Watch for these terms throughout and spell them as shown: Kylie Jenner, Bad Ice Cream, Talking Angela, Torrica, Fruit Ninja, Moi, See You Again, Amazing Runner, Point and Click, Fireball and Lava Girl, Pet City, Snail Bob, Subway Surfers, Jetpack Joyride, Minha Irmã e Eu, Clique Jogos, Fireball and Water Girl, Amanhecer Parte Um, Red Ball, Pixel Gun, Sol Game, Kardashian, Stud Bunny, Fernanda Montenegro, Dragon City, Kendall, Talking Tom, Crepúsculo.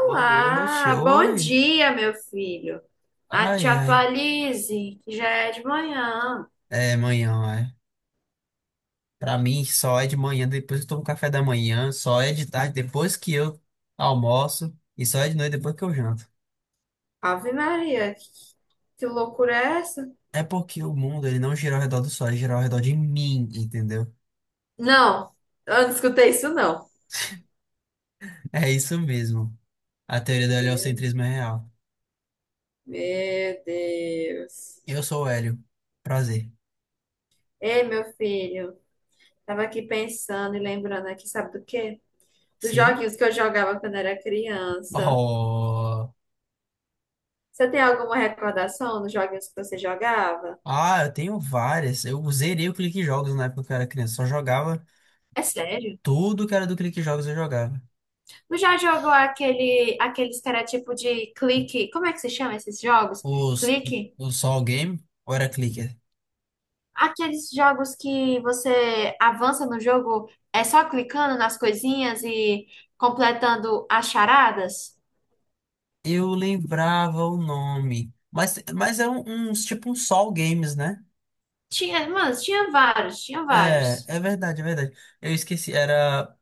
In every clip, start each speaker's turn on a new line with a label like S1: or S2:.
S1: Boa noite,
S2: bom
S1: oi.
S2: dia, meu filho. Ah,
S1: Ai,
S2: te
S1: ai.
S2: atualize, que já é de manhã.
S1: É manhã, é. Pra mim, só é de manhã depois que eu tomo café da manhã, só é de tarde depois que eu almoço e só é de noite depois que eu janto.
S2: Ave Maria, que loucura é essa?
S1: É porque o mundo, ele não gira ao redor do sol, ele gira ao redor de mim, entendeu?
S2: Não, eu não escutei isso, não.
S1: É isso mesmo. A teoria do
S2: Meu,
S1: heliocentrismo é real.
S2: meu Deus.
S1: Eu sou o Hélio. Prazer.
S2: Ei, meu filho, tava aqui pensando e lembrando aqui, sabe do quê? Dos
S1: Sim?
S2: joguinhos que eu jogava quando era criança.
S1: Oh.
S2: Você tem alguma recordação dos joguinhos que você jogava?
S1: Ah, eu tenho várias. Eu zerei o Clique Jogos na época que eu era criança. Só jogava
S2: É sério?
S1: tudo que era do Clique Jogos eu jogava.
S2: Tu já jogou aqueles que era tipo de clique? Como é que se chama esses jogos?
S1: Os,
S2: Clique?
S1: o Sol Game ou era Clicker?
S2: Aqueles jogos que você avança no jogo é só clicando nas coisinhas e completando as charadas?
S1: Eu lembrava o nome. Mas é uns tipo um Sol Games, né?
S2: Tinha, mano, tinha vários, tinha
S1: É,
S2: vários.
S1: é verdade, é verdade. Eu esqueci, era.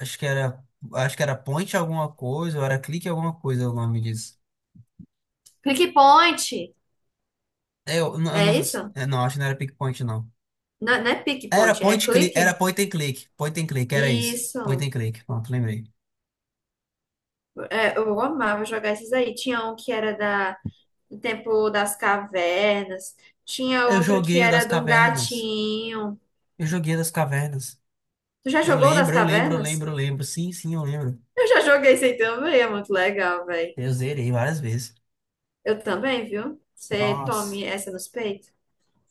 S1: Acho que era. Acho que era Point alguma coisa, ou era Clique alguma coisa o nome disso.
S2: Click Point,
S1: Eu, n- eu não,
S2: é
S1: sei se-
S2: isso?
S1: é, não, acho que não era Pickpoint, não.
S2: Não, não é Pick
S1: Era
S2: Point, é
S1: Point Click, era
S2: clique?
S1: Point and Click. Point and Click, era isso. Point
S2: Isso.
S1: and Click, pronto, lembrei.
S2: É, eu amava jogar esses aí. Tinha um que era da O Tempo das Cavernas. Tinha
S1: Eu
S2: outro que
S1: joguei o
S2: era
S1: das
S2: de um
S1: cavernas.
S2: gatinho.
S1: Eu joguei o das cavernas.
S2: Tu já
S1: Eu
S2: jogou o das
S1: lembro, eu lembro, eu
S2: Cavernas?
S1: lembro, eu lembro. Sim, sim, eu lembro.
S2: Eu já joguei esse aí também, é muito legal, velho.
S1: Eu zerei várias vezes.
S2: Eu também, viu? Você
S1: Nossa,
S2: tome essa nos peitos.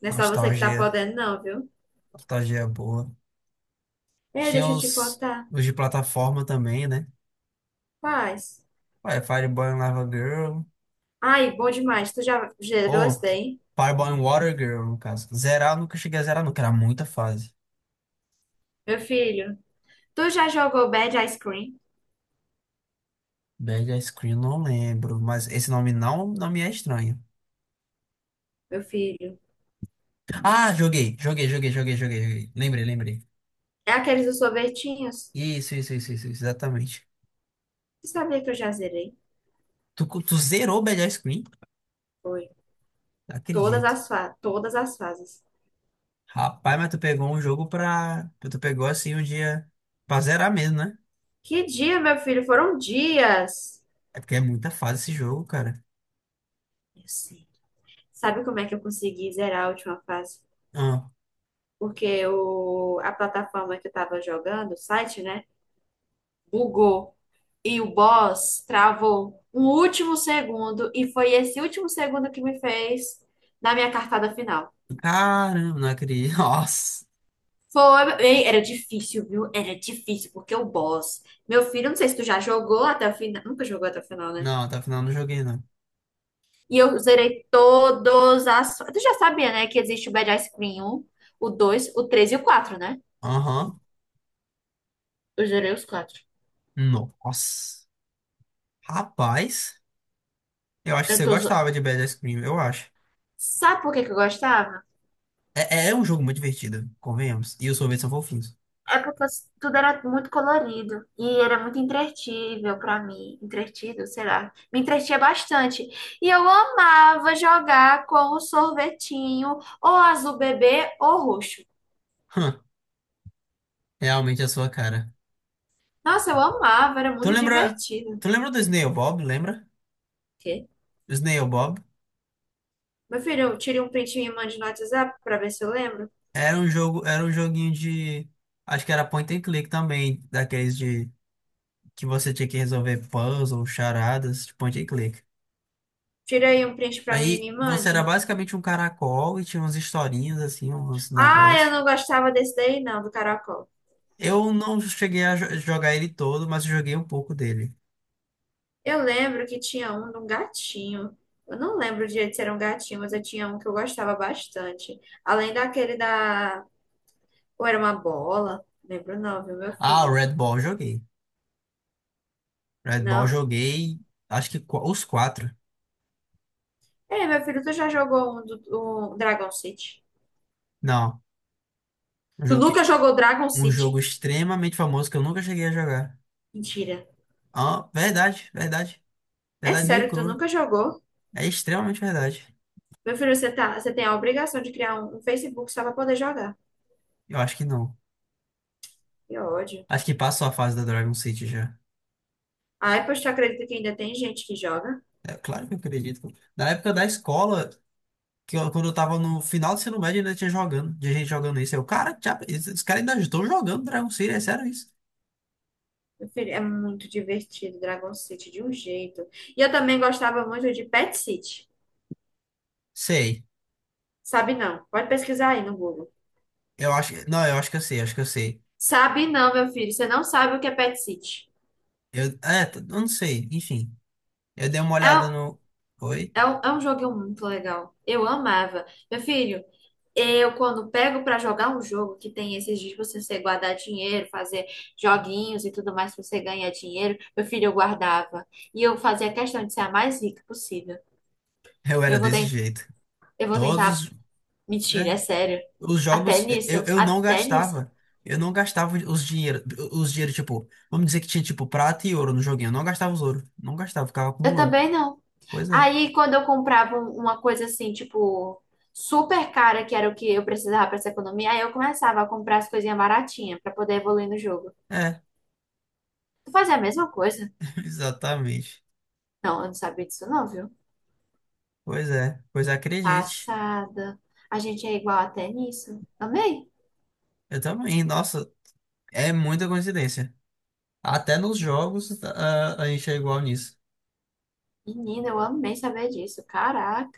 S2: Não é só você que tá
S1: nostalgia.
S2: podendo, não, viu?
S1: Nostalgia boa.
S2: Ei,
S1: Tinha
S2: deixa eu te
S1: os,
S2: contar.
S1: os de plataforma também, né?
S2: Quais?
S1: Ué, Fireball and Lava Girl.
S2: Ai, bom demais. Tu já gerou esse
S1: Ou
S2: daí?
S1: Fireball and Water Girl, no caso. Zerar, eu nunca cheguei a zerar, nunca. Era muita fase.
S2: Meu filho. Tu já jogou Bad Ice Cream?
S1: Bad Ice Cream, não lembro. Mas esse nome não me é estranho.
S2: Meu filho.
S1: Ah, joguei, joguei, joguei, joguei, joguei, joguei. Lembrei, lembrei.
S2: É aqueles dos sorvetinhos?
S1: Isso, exatamente.
S2: Você sabia que eu já zerei?
S1: Tu zerou Bad Ice Cream?
S2: Foi.
S1: Não
S2: Todas
S1: Acredito.
S2: as fa todas as fases.
S1: Rapaz, mas tu pegou um jogo pra. Tu pegou assim um dia pra zerar mesmo, né?
S2: Que dia, meu filho? Foram dias.
S1: É porque é muita fase esse jogo, cara.
S2: Eu sei. Sabe como é que eu consegui zerar a última fase?
S1: Ah,
S2: Porque a plataforma que eu tava jogando, o site, né? Bugou. E o boss travou um último segundo. E foi esse último segundo que me fez na minha cartada final.
S1: caramba, não acredito. Nossa.
S2: Foi. Ei, era difícil, viu? Era difícil, porque o boss. Meu filho, não sei se tu já jogou até o final. Nunca jogou até o final, né?
S1: Não, até o final eu não joguei, não.
S2: E eu zerei todos as. Tu já sabia, né? Que existe o Bad Ice Cream 1, o 2 o 3 e o 4, né?
S1: Aham.
S2: Eu zerei os quatro.
S1: Nossa. Rapaz, eu acho que
S2: Eu
S1: você
S2: tô... zo-
S1: gostava de Bad Ice Cream, eu acho.
S2: Sabe por que que eu gostava?
S1: É, é um jogo muito divertido, convenhamos. E os sorvetes são fofinhos.
S2: É porque tudo era muito colorido. E era muito entretível pra mim. Entretido, sei lá. Me entretinha bastante. E eu amava jogar com o sorvetinho, ou azul bebê, ou roxo.
S1: Hã, Realmente é a sua cara.
S2: Nossa, eu amava, era
S1: Tu
S2: muito
S1: lembra.
S2: divertido. O
S1: Tu lembra do Snail Bob, lembra?
S2: quê?
S1: Snail Bob.
S2: Meu filho, eu tirei um print e me mande no WhatsApp pra ver se eu lembro.
S1: Era um jogo, era um joguinho de. Acho que era point and click também, daqueles de que você tinha que resolver puzzle, charadas, de point and click.
S2: Tira aí um print pra mim e
S1: Aí
S2: me
S1: você era
S2: mande.
S1: basicamente um caracol e tinha umas historinhas assim, uns
S2: Ah, eu
S1: negócios.
S2: não gostava desse daí, não, do caracol.
S1: Eu não cheguei a jogar ele todo, mas eu joguei um pouco dele.
S2: Eu lembro que tinha um de um gatinho. Eu não lembro direito se era um gatinho, mas eu tinha um que eu gostava bastante. Além daquele da. Ou era uma bola? Lembro não, viu, meu
S1: Ah, o
S2: filho?
S1: Red Ball eu joguei. Red Ball eu
S2: Não.
S1: joguei, acho que os quatro.
S2: Ei, meu filho, tu já jogou um do um Dragon City?
S1: Não, um
S2: Tu
S1: jogo, que-
S2: nunca jogou Dragon
S1: um jogo
S2: City?
S1: extremamente famoso que eu nunca cheguei a jogar.
S2: Mentira.
S1: Ah, verdade, verdade.
S2: É
S1: Verdade nua e
S2: sério que tu
S1: crua.
S2: nunca jogou?
S1: É extremamente verdade.
S2: Meu filho, você tá, você tem a obrigação de criar um Facebook só pra poder jogar.
S1: Eu acho que não.
S2: Que ódio.
S1: Acho que passou a fase da Dragon City já.
S2: Ai, pois tu acredita que ainda tem gente que joga?
S1: É claro que eu acredito. Na época da escola, que quando eu tava no final do ensino médio, ainda tinha jogando, tinha gente jogando isso. Eu, cara, já, es- os caras ainda estão jogando Dragon City, é sério isso?
S2: Meu filho, é muito divertido, Dragon City, de um jeito. E eu também gostava muito de Pet City.
S1: Sei.
S2: Sabe não? Pode pesquisar aí no Google.
S1: Eu acho que. Não, eu acho que eu sei, acho que eu sei.
S2: Sabe não, meu filho, você não sabe o que é Pet City.
S1: Eu não sei, enfim. Eu dei uma olhada
S2: É,
S1: no. Oi?
S2: é um jogo muito legal. Eu amava. Meu filho, eu quando pego pra jogar um jogo que tem esses dias pra você guardar dinheiro, fazer joguinhos e tudo mais pra você ganhar dinheiro, meu filho, eu guardava. E eu fazia questão de ser a mais rica possível.
S1: Eu era
S2: Eu vou
S1: desse
S2: tentar.
S1: jeito.
S2: Eu vou tentar.
S1: Todos.
S2: Mentira, é sério.
S1: Os
S2: Até
S1: jogos,
S2: nisso,
S1: eu não
S2: até nisso.
S1: gastava. Eu não gastava os dinheiro, tipo, vamos dizer que tinha, tipo, prata e ouro no joguinho. Eu não gastava os ouro. Não gastava, ficava
S2: Eu
S1: acumulando.
S2: também não.
S1: Pois é.
S2: Aí, quando eu comprava uma coisa assim, tipo, super cara, que era o que eu precisava pra essa economia, aí eu começava a comprar as coisinhas baratinhas pra poder evoluir no jogo.
S1: É,
S2: Tu fazia a mesma coisa?
S1: exatamente.
S2: Não, eu não sabia disso não, viu?
S1: Pois é. Pois acredite.
S2: Passada. A gente é igual até nisso. Amei.
S1: Eu também. Nossa, é muita coincidência. Até nos jogos, a gente é igual nisso.
S2: Menina, eu amei saber disso.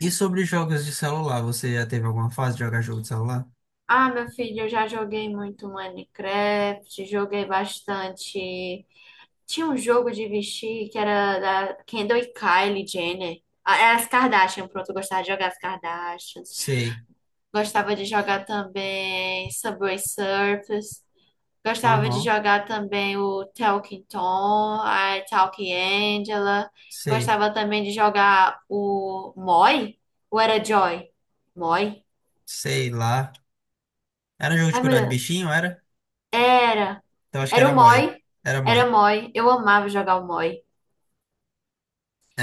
S1: E sobre jogos de celular, você já teve alguma fase de jogar jogo de celular?
S2: Ah, meu filho, eu já joguei muito Minecraft, joguei bastante. Tinha um jogo de vestir que era da Kendall e Kylie Jenner. Ah, era as Kardashian, pronto, eu gostava de jogar as Kardashians.
S1: Sei.
S2: Gostava de jogar também Subway Surfers. Gostava de
S1: Aham.
S2: jogar também o Talking Tom, a Talking Angela.
S1: Sei.
S2: Gostava também de jogar o Moi? Ou era Joy? Moi?
S1: Sei lá. Era jogo de
S2: Ai, meu
S1: cuidar de
S2: Deus.
S1: bichinho, era?
S2: Era.
S1: Então acho que
S2: Era
S1: era
S2: o Moi.
S1: Moi. Era
S2: Era
S1: Moi.
S2: Moi. Eu amava jogar o Moi.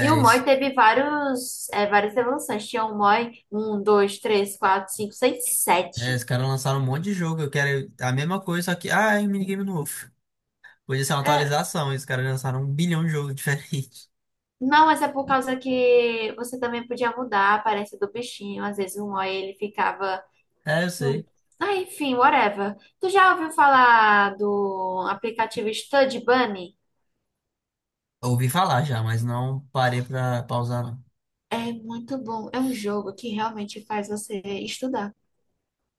S2: E o Moi
S1: isso.
S2: teve vários, é, várias evoluções. Tinha o Moi 1 2 3 4 5 6
S1: É,
S2: 7.
S1: os caras lançaram um monte de jogo. Eu quero a mesma coisa, só que. Ah, é um minigame novo. Podia ser uma
S2: É,
S1: atualização. E Os caras lançaram um bilhão de jogos diferentes.
S2: não, mas é por causa que você também podia mudar a aparência do bichinho. Às vezes o Moi ele ficava.
S1: É, eu
S2: com-
S1: sei.
S2: Ah, enfim, whatever. Tu já ouviu falar do aplicativo Stud Bunny?
S1: Ouvi falar já, mas não parei pra pausar, não.
S2: É muito bom. É um jogo que realmente faz você estudar.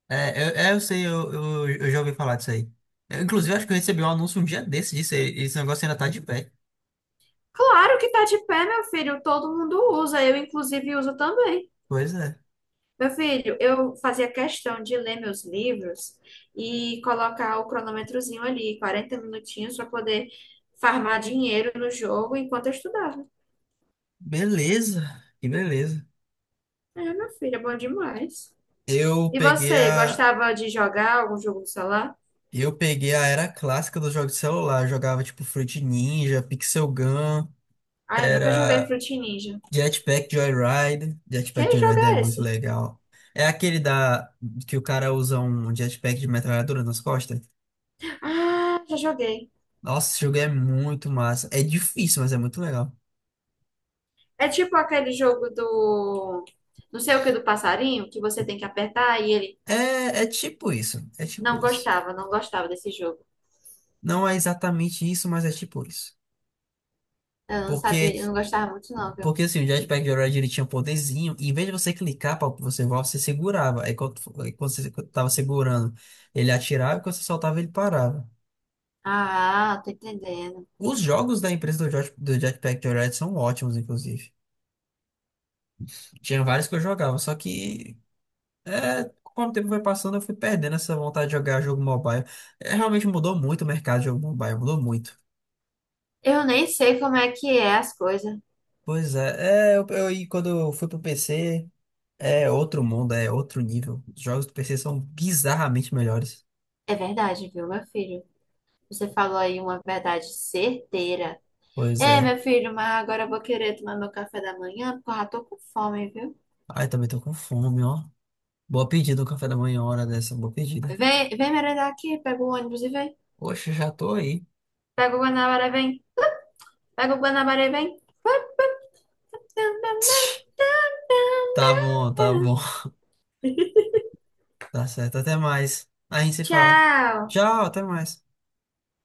S1: Eu sei, eu já ouvi falar disso aí. Eu, inclusive, acho que eu recebi um anúncio um dia desse disso aí. Esse negócio ainda tá de pé.
S2: Claro que tá de pé, meu filho. Todo mundo usa. Eu, inclusive, uso também.
S1: Pois é.
S2: Meu filho, eu fazia questão de ler meus livros e colocar o cronômetrozinho ali, 40 minutinhos, para poder farmar dinheiro no jogo enquanto eu estudava.
S1: Beleza. Que beleza.
S2: É, meu filho, é bom demais.
S1: Eu
S2: E
S1: peguei
S2: você,
S1: a.
S2: gostava de jogar algum jogo no celular?
S1: Eu peguei a era clássica dos jogos de celular. Eu jogava tipo Fruit Ninja, Pixel Gun.
S2: Ah, eu nunca joguei
S1: Era.
S2: Fruit Ninja.
S1: Jetpack Joyride.
S2: Que
S1: Jetpack
S2: jogo
S1: Joyride é
S2: é
S1: muito
S2: esse?
S1: legal. É aquele da que o cara usa um jetpack de metralhadora nas costas.
S2: Ah, já joguei.
S1: Nossa, esse jogo é muito massa. É difícil, mas é muito legal.
S2: É tipo aquele jogo do... Não sei o que, do passarinho, que você tem que apertar e ele...
S1: É, é tipo isso. É tipo
S2: Não
S1: isso.
S2: gostava, não gostava desse jogo.
S1: Não é exatamente isso, mas é tipo isso.
S2: Eu não
S1: Porque,
S2: sabia, eu não gostava muito não, viu?
S1: porque assim, o Jetpack Joyride ele tinha um poderzinho. E em vez de você clicar para você voar, você segurava. Aí quando você tava segurando, ele atirava e quando você soltava, ele parava.
S2: Ah, tô entendendo.
S1: Os jogos da empresa do, do Jetpack Joyride são ótimos, inclusive. Tinha vários que eu jogava, só que é, conforme o tempo foi passando, eu fui perdendo essa vontade de jogar jogo mobile. É, realmente mudou muito o mercado de jogo mobile, mudou muito.
S2: Eu nem sei como é que é as coisas.
S1: Pois é, e quando eu fui pro PC, é outro mundo, é outro nível. Os jogos do PC são bizarramente melhores.
S2: É verdade, viu, meu filho? Você falou aí uma verdade certeira.
S1: Pois
S2: É,
S1: é.
S2: meu filho, mas agora eu vou querer tomar meu café da manhã, porque eu já tô com fome, viu?
S1: Ai, também tô com fome, ó. Boa pedida, um café da manhã, hora dessa, boa pedida.
S2: Vem, vem merendar aqui, pega o ônibus e vem.
S1: Poxa, já tô aí.
S2: Pega o Guanabara e vem. Pega o Guanabara e vem.
S1: Tá bom, tá bom. Tá certo, até mais. A gente se fala.
S2: Tchau.
S1: Tchau, até mais.